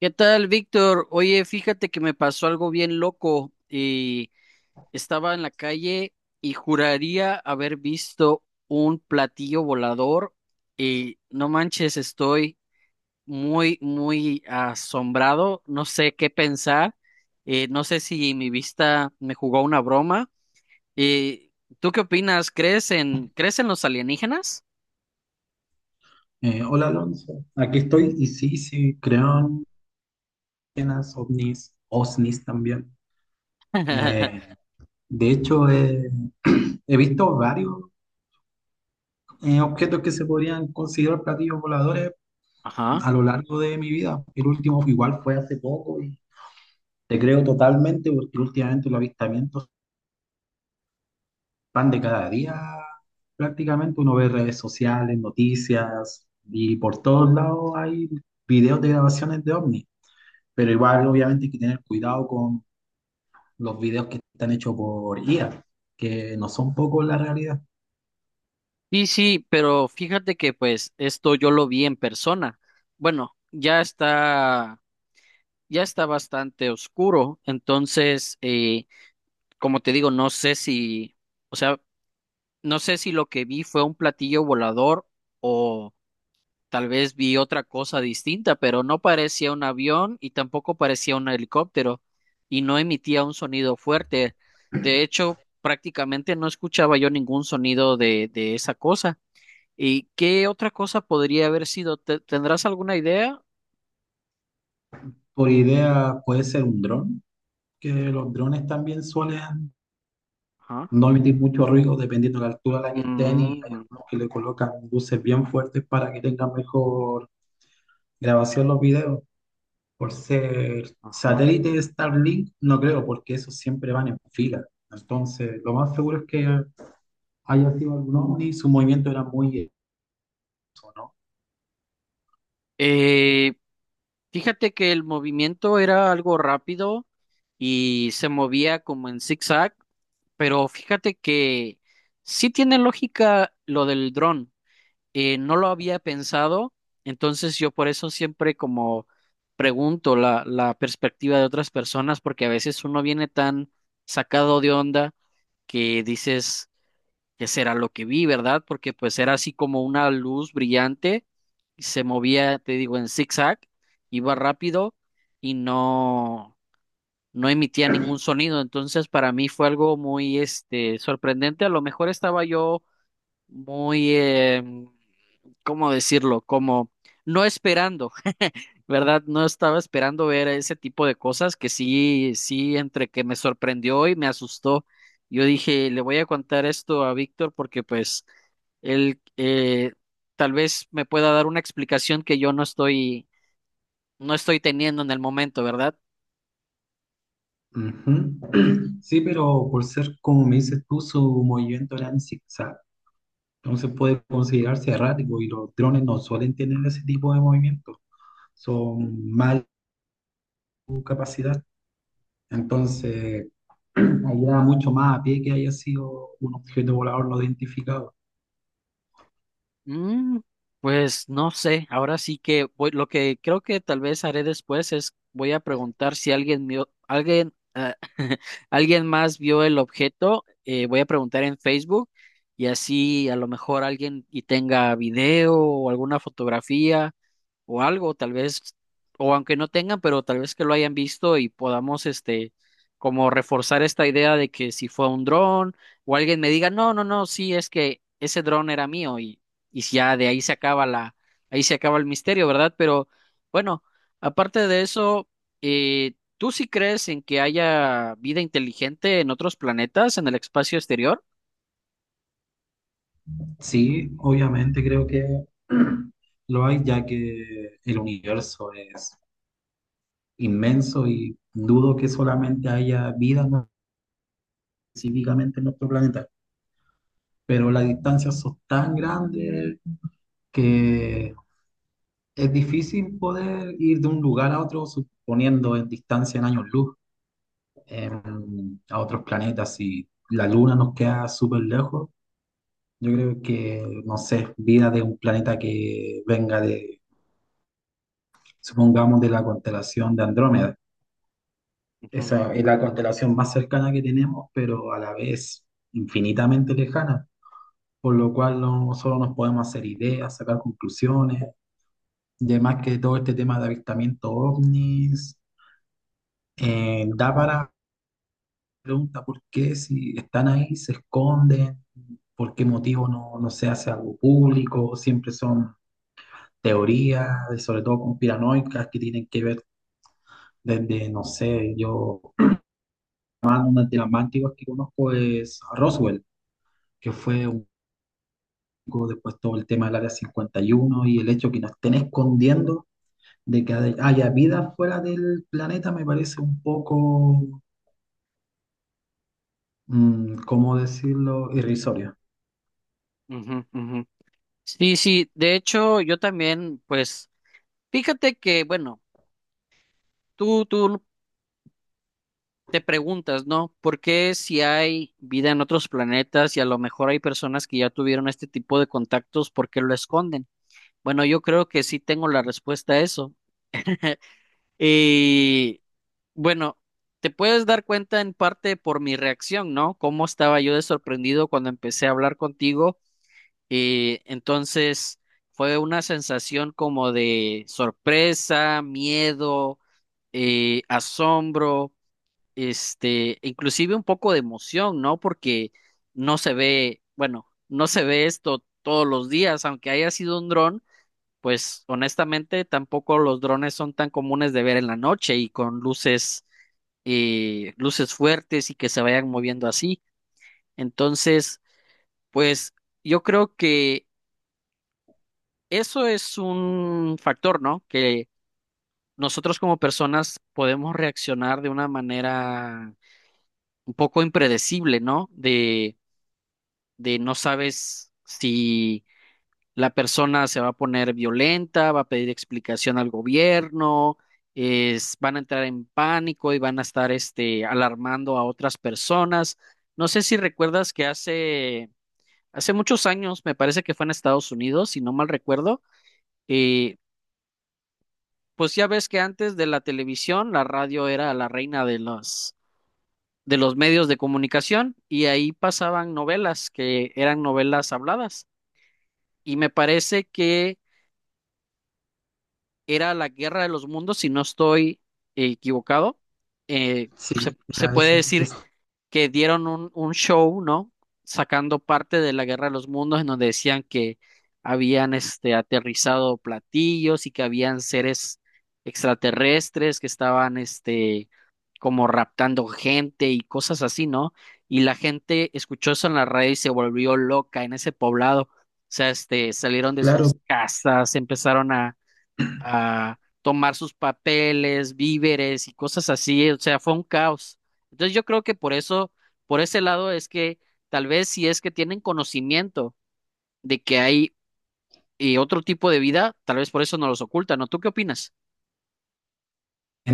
¿Qué tal, Víctor? Oye, fíjate que me pasó algo bien loco y estaba en la calle y juraría haber visto un platillo volador y no manches, estoy muy, muy asombrado, no sé qué pensar, no sé si mi vista me jugó una broma. Eh, ¿Tú qué opinas? ¿Crees en los alienígenas? Hola Alonso, aquí estoy y sí, sí, creo en las ovnis, OSNIs también. Eh, de hecho, he visto varios objetos que se podrían considerar platillos voladores Ajá. a lo largo de mi vida. El último igual fue hace poco y te creo totalmente porque últimamente los avistamientos van de cada día prácticamente. Uno ve redes sociales, noticias y por todos lados hay videos de grabaciones de ovnis. Pero igual, obviamente, hay que tener cuidado con los videos que están hechos por IA, que no son pocos la realidad. Sí, sí, pero fíjate que pues esto yo lo vi en persona. Bueno, ya está bastante oscuro, entonces, como te digo, no sé si, o sea, no sé si lo que vi fue un platillo volador o tal vez vi otra cosa distinta, pero no parecía un avión y tampoco parecía un helicóptero y no emitía un sonido fuerte. De hecho, prácticamente no escuchaba yo ningún sonido de esa cosa. ¿Y qué otra cosa podría haber sido? ¿Tendrás alguna idea? Por idea puede ser un dron, que los drones también suelen Ajá. no emitir mucho ruido dependiendo de la altura a la que estén y hay Mm, algunos que le colocan luces bien fuertes para que tengan mejor grabación los videos. Por ser ajá. satélite de Starlink, no creo, porque esos siempre van en fila. Entonces, lo más seguro es que haya sido algún ovni, su movimiento era muy eso, ¿no? Eh, fíjate que el movimiento era algo rápido y se movía como en zigzag, pero fíjate que sí tiene lógica lo del dron. No lo había pensado, entonces yo por eso siempre como pregunto la perspectiva de otras personas, porque a veces uno viene tan sacado de onda que dices, qué será lo que vi, ¿verdad? Porque pues era así como una luz brillante, y se movía, te digo, en zigzag, iba rápido y no emitía ningún sonido. Entonces, para mí fue algo muy, este, sorprendente. A lo mejor estaba yo muy, ¿cómo decirlo? Como no esperando. ¿Verdad? No estaba esperando ver ese tipo de cosas que sí, sí, entre que me sorprendió y me asustó. Yo dije, le voy a contar esto a Víctor porque pues él tal vez me pueda dar una explicación que yo no estoy teniendo en el momento, ¿verdad? Ujú. Sí, pero por ser, como me dices tú, su movimiento era en zigzag. Entonces puede considerarse errático y los drones no suelen tener ese tipo de movimiento. Son mal su capacidad. Entonces, ayuda mucho más a pie que haya sido un objeto volador no identificado. Mm, pues no sé, ahora sí que lo que creo que tal vez haré después es voy a preguntar si alguien vio, alguien, ah, alguien más vio el objeto, voy a preguntar en Facebook y así a lo mejor alguien y tenga video o alguna fotografía o algo, tal vez, o aunque no tengan, pero tal vez que lo hayan visto y podamos, este, como reforzar esta idea de que si fue un dron o alguien me diga, no, no, no, sí, es que ese dron era mío y si ya de ahí ahí se acaba el misterio, ¿verdad? Pero bueno, aparte de eso, ¿tú sí crees en que haya vida inteligente en otros planetas, en el espacio exterior? Sí, obviamente creo que lo hay, ya que el universo es inmenso y dudo que solamente haya vida específicamente en nuestro planeta. Pero las distancias son tan grandes que es difícil poder ir de un lugar a otro, suponiendo en distancia en años luz, a otros planetas. Si la Luna nos queda súper lejos, yo creo que, no sé, vida de un planeta que venga de supongamos, de la constelación de Andrómeda. Ujú, Esa es la constelación más cercana que tenemos, pero a la vez infinitamente lejana, por lo cual no solo nos podemos hacer ideas, sacar conclusiones, y además que todo este tema de avistamiento ovnis da para pregunta por qué si están ahí, se esconden, por qué motivo no, no se hace algo público, siempre son teorías, sobre todo conspiranoicas, que tienen que ver desde, no sé, yo una de las más antiguas que conozco es Roswell, que fue un poco después todo el tema del Área 51 y uno y el hecho que nos estén escondiendo de que hay- haya vida fuera del planeta me parece un poco, ¿cómo decirlo?, irrisorio. ujú, ujú. Sí, sí, de hecho, yo también, pues, fíjate que, bueno, tú te preguntas, ¿no? ¿Por qué si hay vida en otros planetas y a lo mejor hay personas que ya tuvieron este tipo de contactos, por qué lo esconden? Bueno, yo creo que sí tengo la respuesta a eso. Y bueno, te puedes dar cuenta en parte por mi reacción, ¿no? Cómo estaba yo de sorprendido cuando empecé a hablar contigo. Y entonces fue una sensación como de sorpresa, miedo, asombro. Este, inclusive un poco de emoción, ¿no? Porque no se ve, bueno, no se ve esto todos los días, aunque haya sido un dron, pues honestamente tampoco los drones son tan comunes de ver en la noche y con luces, luces fuertes y que se vayan moviendo así. Entonces, pues yo creo que eso es un factor, ¿no? Que nosotros como personas podemos reaccionar de una manera un poco impredecible, ¿no? De no sabes si la persona se va a poner violenta, va a pedir explicación al gobierno, es, van a entrar en pánico y van a estar este, alarmando a otras personas. No sé si recuerdas que hace muchos años, me parece que fue en Estados Unidos, si no mal recuerdo, eh, pues ya ves que antes de la televisión, la radio era la reina de los, medios de comunicación y ahí pasaban novelas que eran novelas habladas. Y me parece que era la Guerra de los Mundos, si no estoy equivocado. Eh, Sí, se a puede veces decir es que dieron un show, ¿no? Sacando parte de la Guerra de los Mundos, en donde decían que habían este, aterrizado platillos y que habían seres extraterrestres que estaban este, como raptando gente y cosas así, ¿no? Y la gente escuchó eso en la radio y se volvió loca en ese poblado. O sea, este, salieron de sus claro, casas, empezaron a tomar sus papeles, víveres y cosas así, o sea, fue un caos. Entonces yo creo que por eso, por ese lado es que tal vez si es que tienen conocimiento de que hay otro tipo de vida, tal vez por eso no los ocultan, ¿no? ¿Tú qué opinas?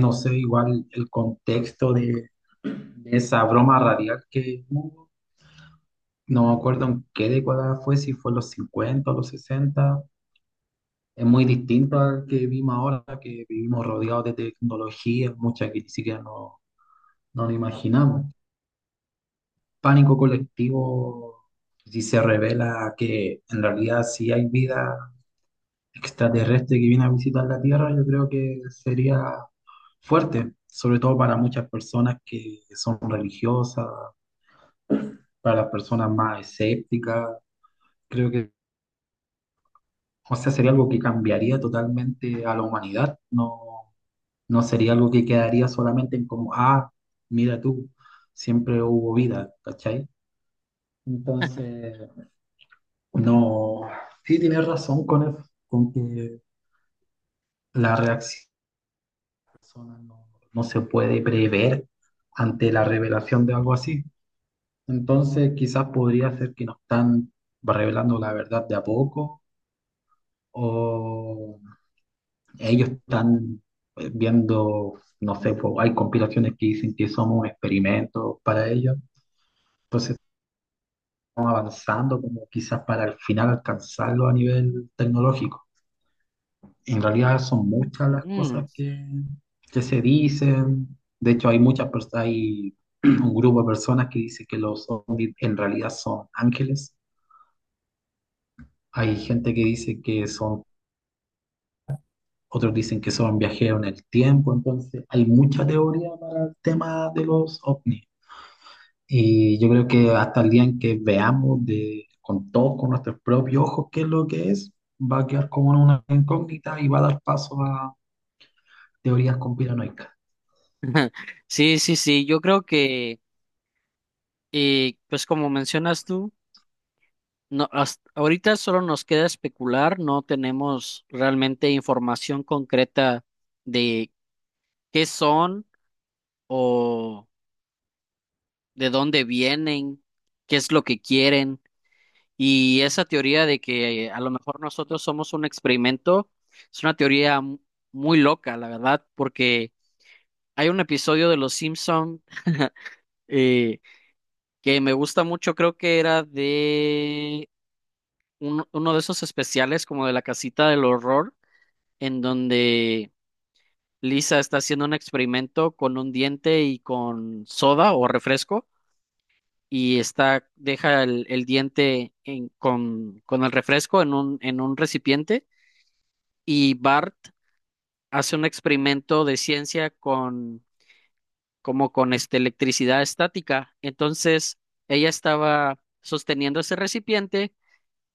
no sé, igual el contexto de esa broma radial que hubo, no me acuerdo en qué década fue, si fue en los 50 o los sesenta. Es muy distinto al que vivimos ahora, que vivimos rodeados de tecnología, muchas que ni siquiera no nos imaginamos. Pánico colectivo, si se revela que en realidad si hay vida extraterrestre que viene a visitar la Tierra, yo creo que sería fuerte, sobre todo para muchas personas que son religiosas, para las personas más escépticas. Creo que, o sea, sería algo que cambiaría totalmente a la humanidad. No, No sería algo que quedaría solamente en como, ah, mira tú, siempre hubo vida, ¿cachai? Entonces, no, sí tienes razón con eso, con que la reacción de la persona no, no se puede prever ante la revelación de algo así. Entonces, quizás podría ser que nos están revelando la verdad de a poco, o ellos están viendo, no sé, po, hay compilaciones que dicen que somos experimentos para ellos. Entonces avanzando como quizás para al final alcanzarlo a nivel tecnológico. En realidad son muchas las Mm. cosas que se dicen. De hecho, hay muchas personas, hay un grupo de personas que dice que los ovnis en realidad son ángeles. Hay gente que dice que son, otros dicen que son viajeros en el tiempo. Entonces, hay mucha teoría para el tema de los ovnis. Y yo creo que hasta el día en que veamos de, con todos, con nuestros propios ojos, qué es lo que es, va a quedar como una incógnita y va a dar paso a teorías conspiranoicas. Sí, sí, sí, yo creo que, pues como mencionas tú, no, hasta ahorita solo nos queda especular, no tenemos realmente información concreta de qué son o de dónde vienen, qué es lo que quieren. Y esa teoría de que a lo mejor nosotros somos un experimento es una teoría muy loca, la verdad, porque hay un episodio de Los Simpson eh, que me gusta mucho, creo que era de uno de esos especiales como de la casita del horror, en donde Lisa está haciendo un experimento con un diente y con soda o refresco y está, deja el diente con el refresco en un recipiente y Bart hace un experimento de ciencia con, como con este, electricidad estática. Entonces, ella estaba sosteniendo ese recipiente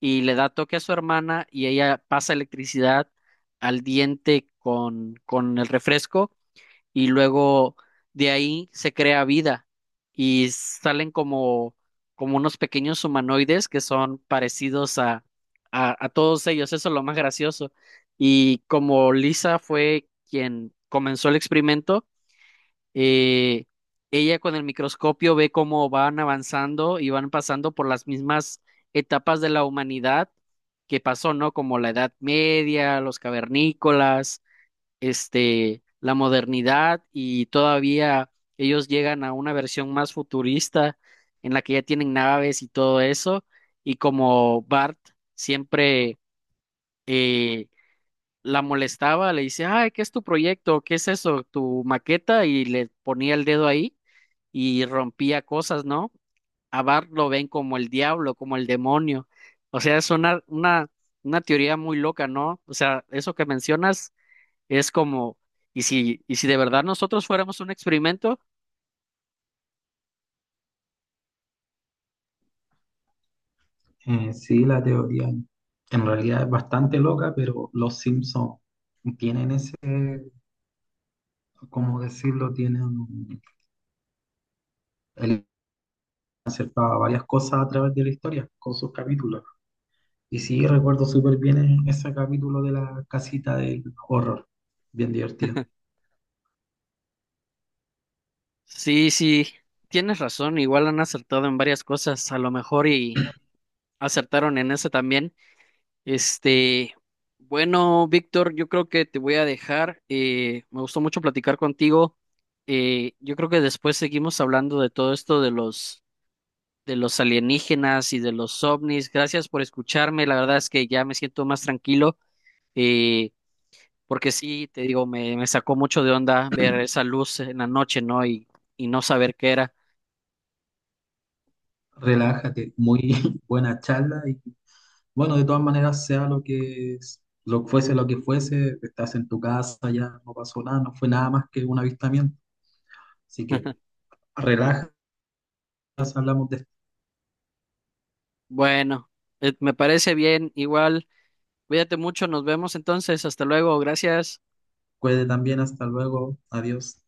y le da toque a su hermana y ella pasa electricidad al diente con el refresco y luego de ahí se crea vida y salen como unos pequeños humanoides que son parecidos a, a todos ellos, eso es lo más gracioso. Y como Lisa fue quien comenzó el experimento, eh, ella con el microscopio ve cómo van avanzando y van pasando por las mismas etapas de la humanidad que pasó, ¿no? Como la Edad Media, los cavernícolas este, la modernidad y todavía ellos llegan a una versión más futurista en la que ya tienen naves y todo eso. Y como Bart siempre eh, la molestaba, le dice, ay, ¿qué es tu proyecto? ¿Qué es eso? ¿Tu maqueta? Y le ponía el dedo ahí y rompía cosas, ¿no? A Bart lo ven como el diablo, como el demonio. O sea, es una teoría muy loca, ¿no? O sea, eso que mencionas es como, y si de verdad nosotros fuéramos un experimento, Sí, la teoría en realidad es bastante loca, pero los Simpsons tienen ese, ¿cómo decirlo? Tienen, él acercaba varias cosas a través de la historia con sus capítulos. Y sí, recuerdo súper bien ese capítulo de la casita del horror, bien divertido. sí, sí, tienes razón, igual han acertado en varias cosas, a lo mejor y acertaron en esa también. Este, bueno, Víctor, yo creo que te voy a dejar, me gustó mucho platicar contigo. Yo creo que después seguimos hablando de todo esto de los, alienígenas y de los ovnis. Gracias por escucharme, la verdad es que ya me siento más tranquilo. eh, Porque sí, te digo, me sacó mucho de onda ver esa luz en la noche, ¿no? Y no saber qué era. Relájate, muy buena charla y bueno, de todas maneras, sea lo que fuese, estás en tu casa, ya no pasó nada, no fue nada más que un avistamiento. Así que relájate, hablamos Bueno, me parece bien, igual, cuídate mucho, nos vemos entonces, hasta luego, gracias. después también, hasta luego, adiós.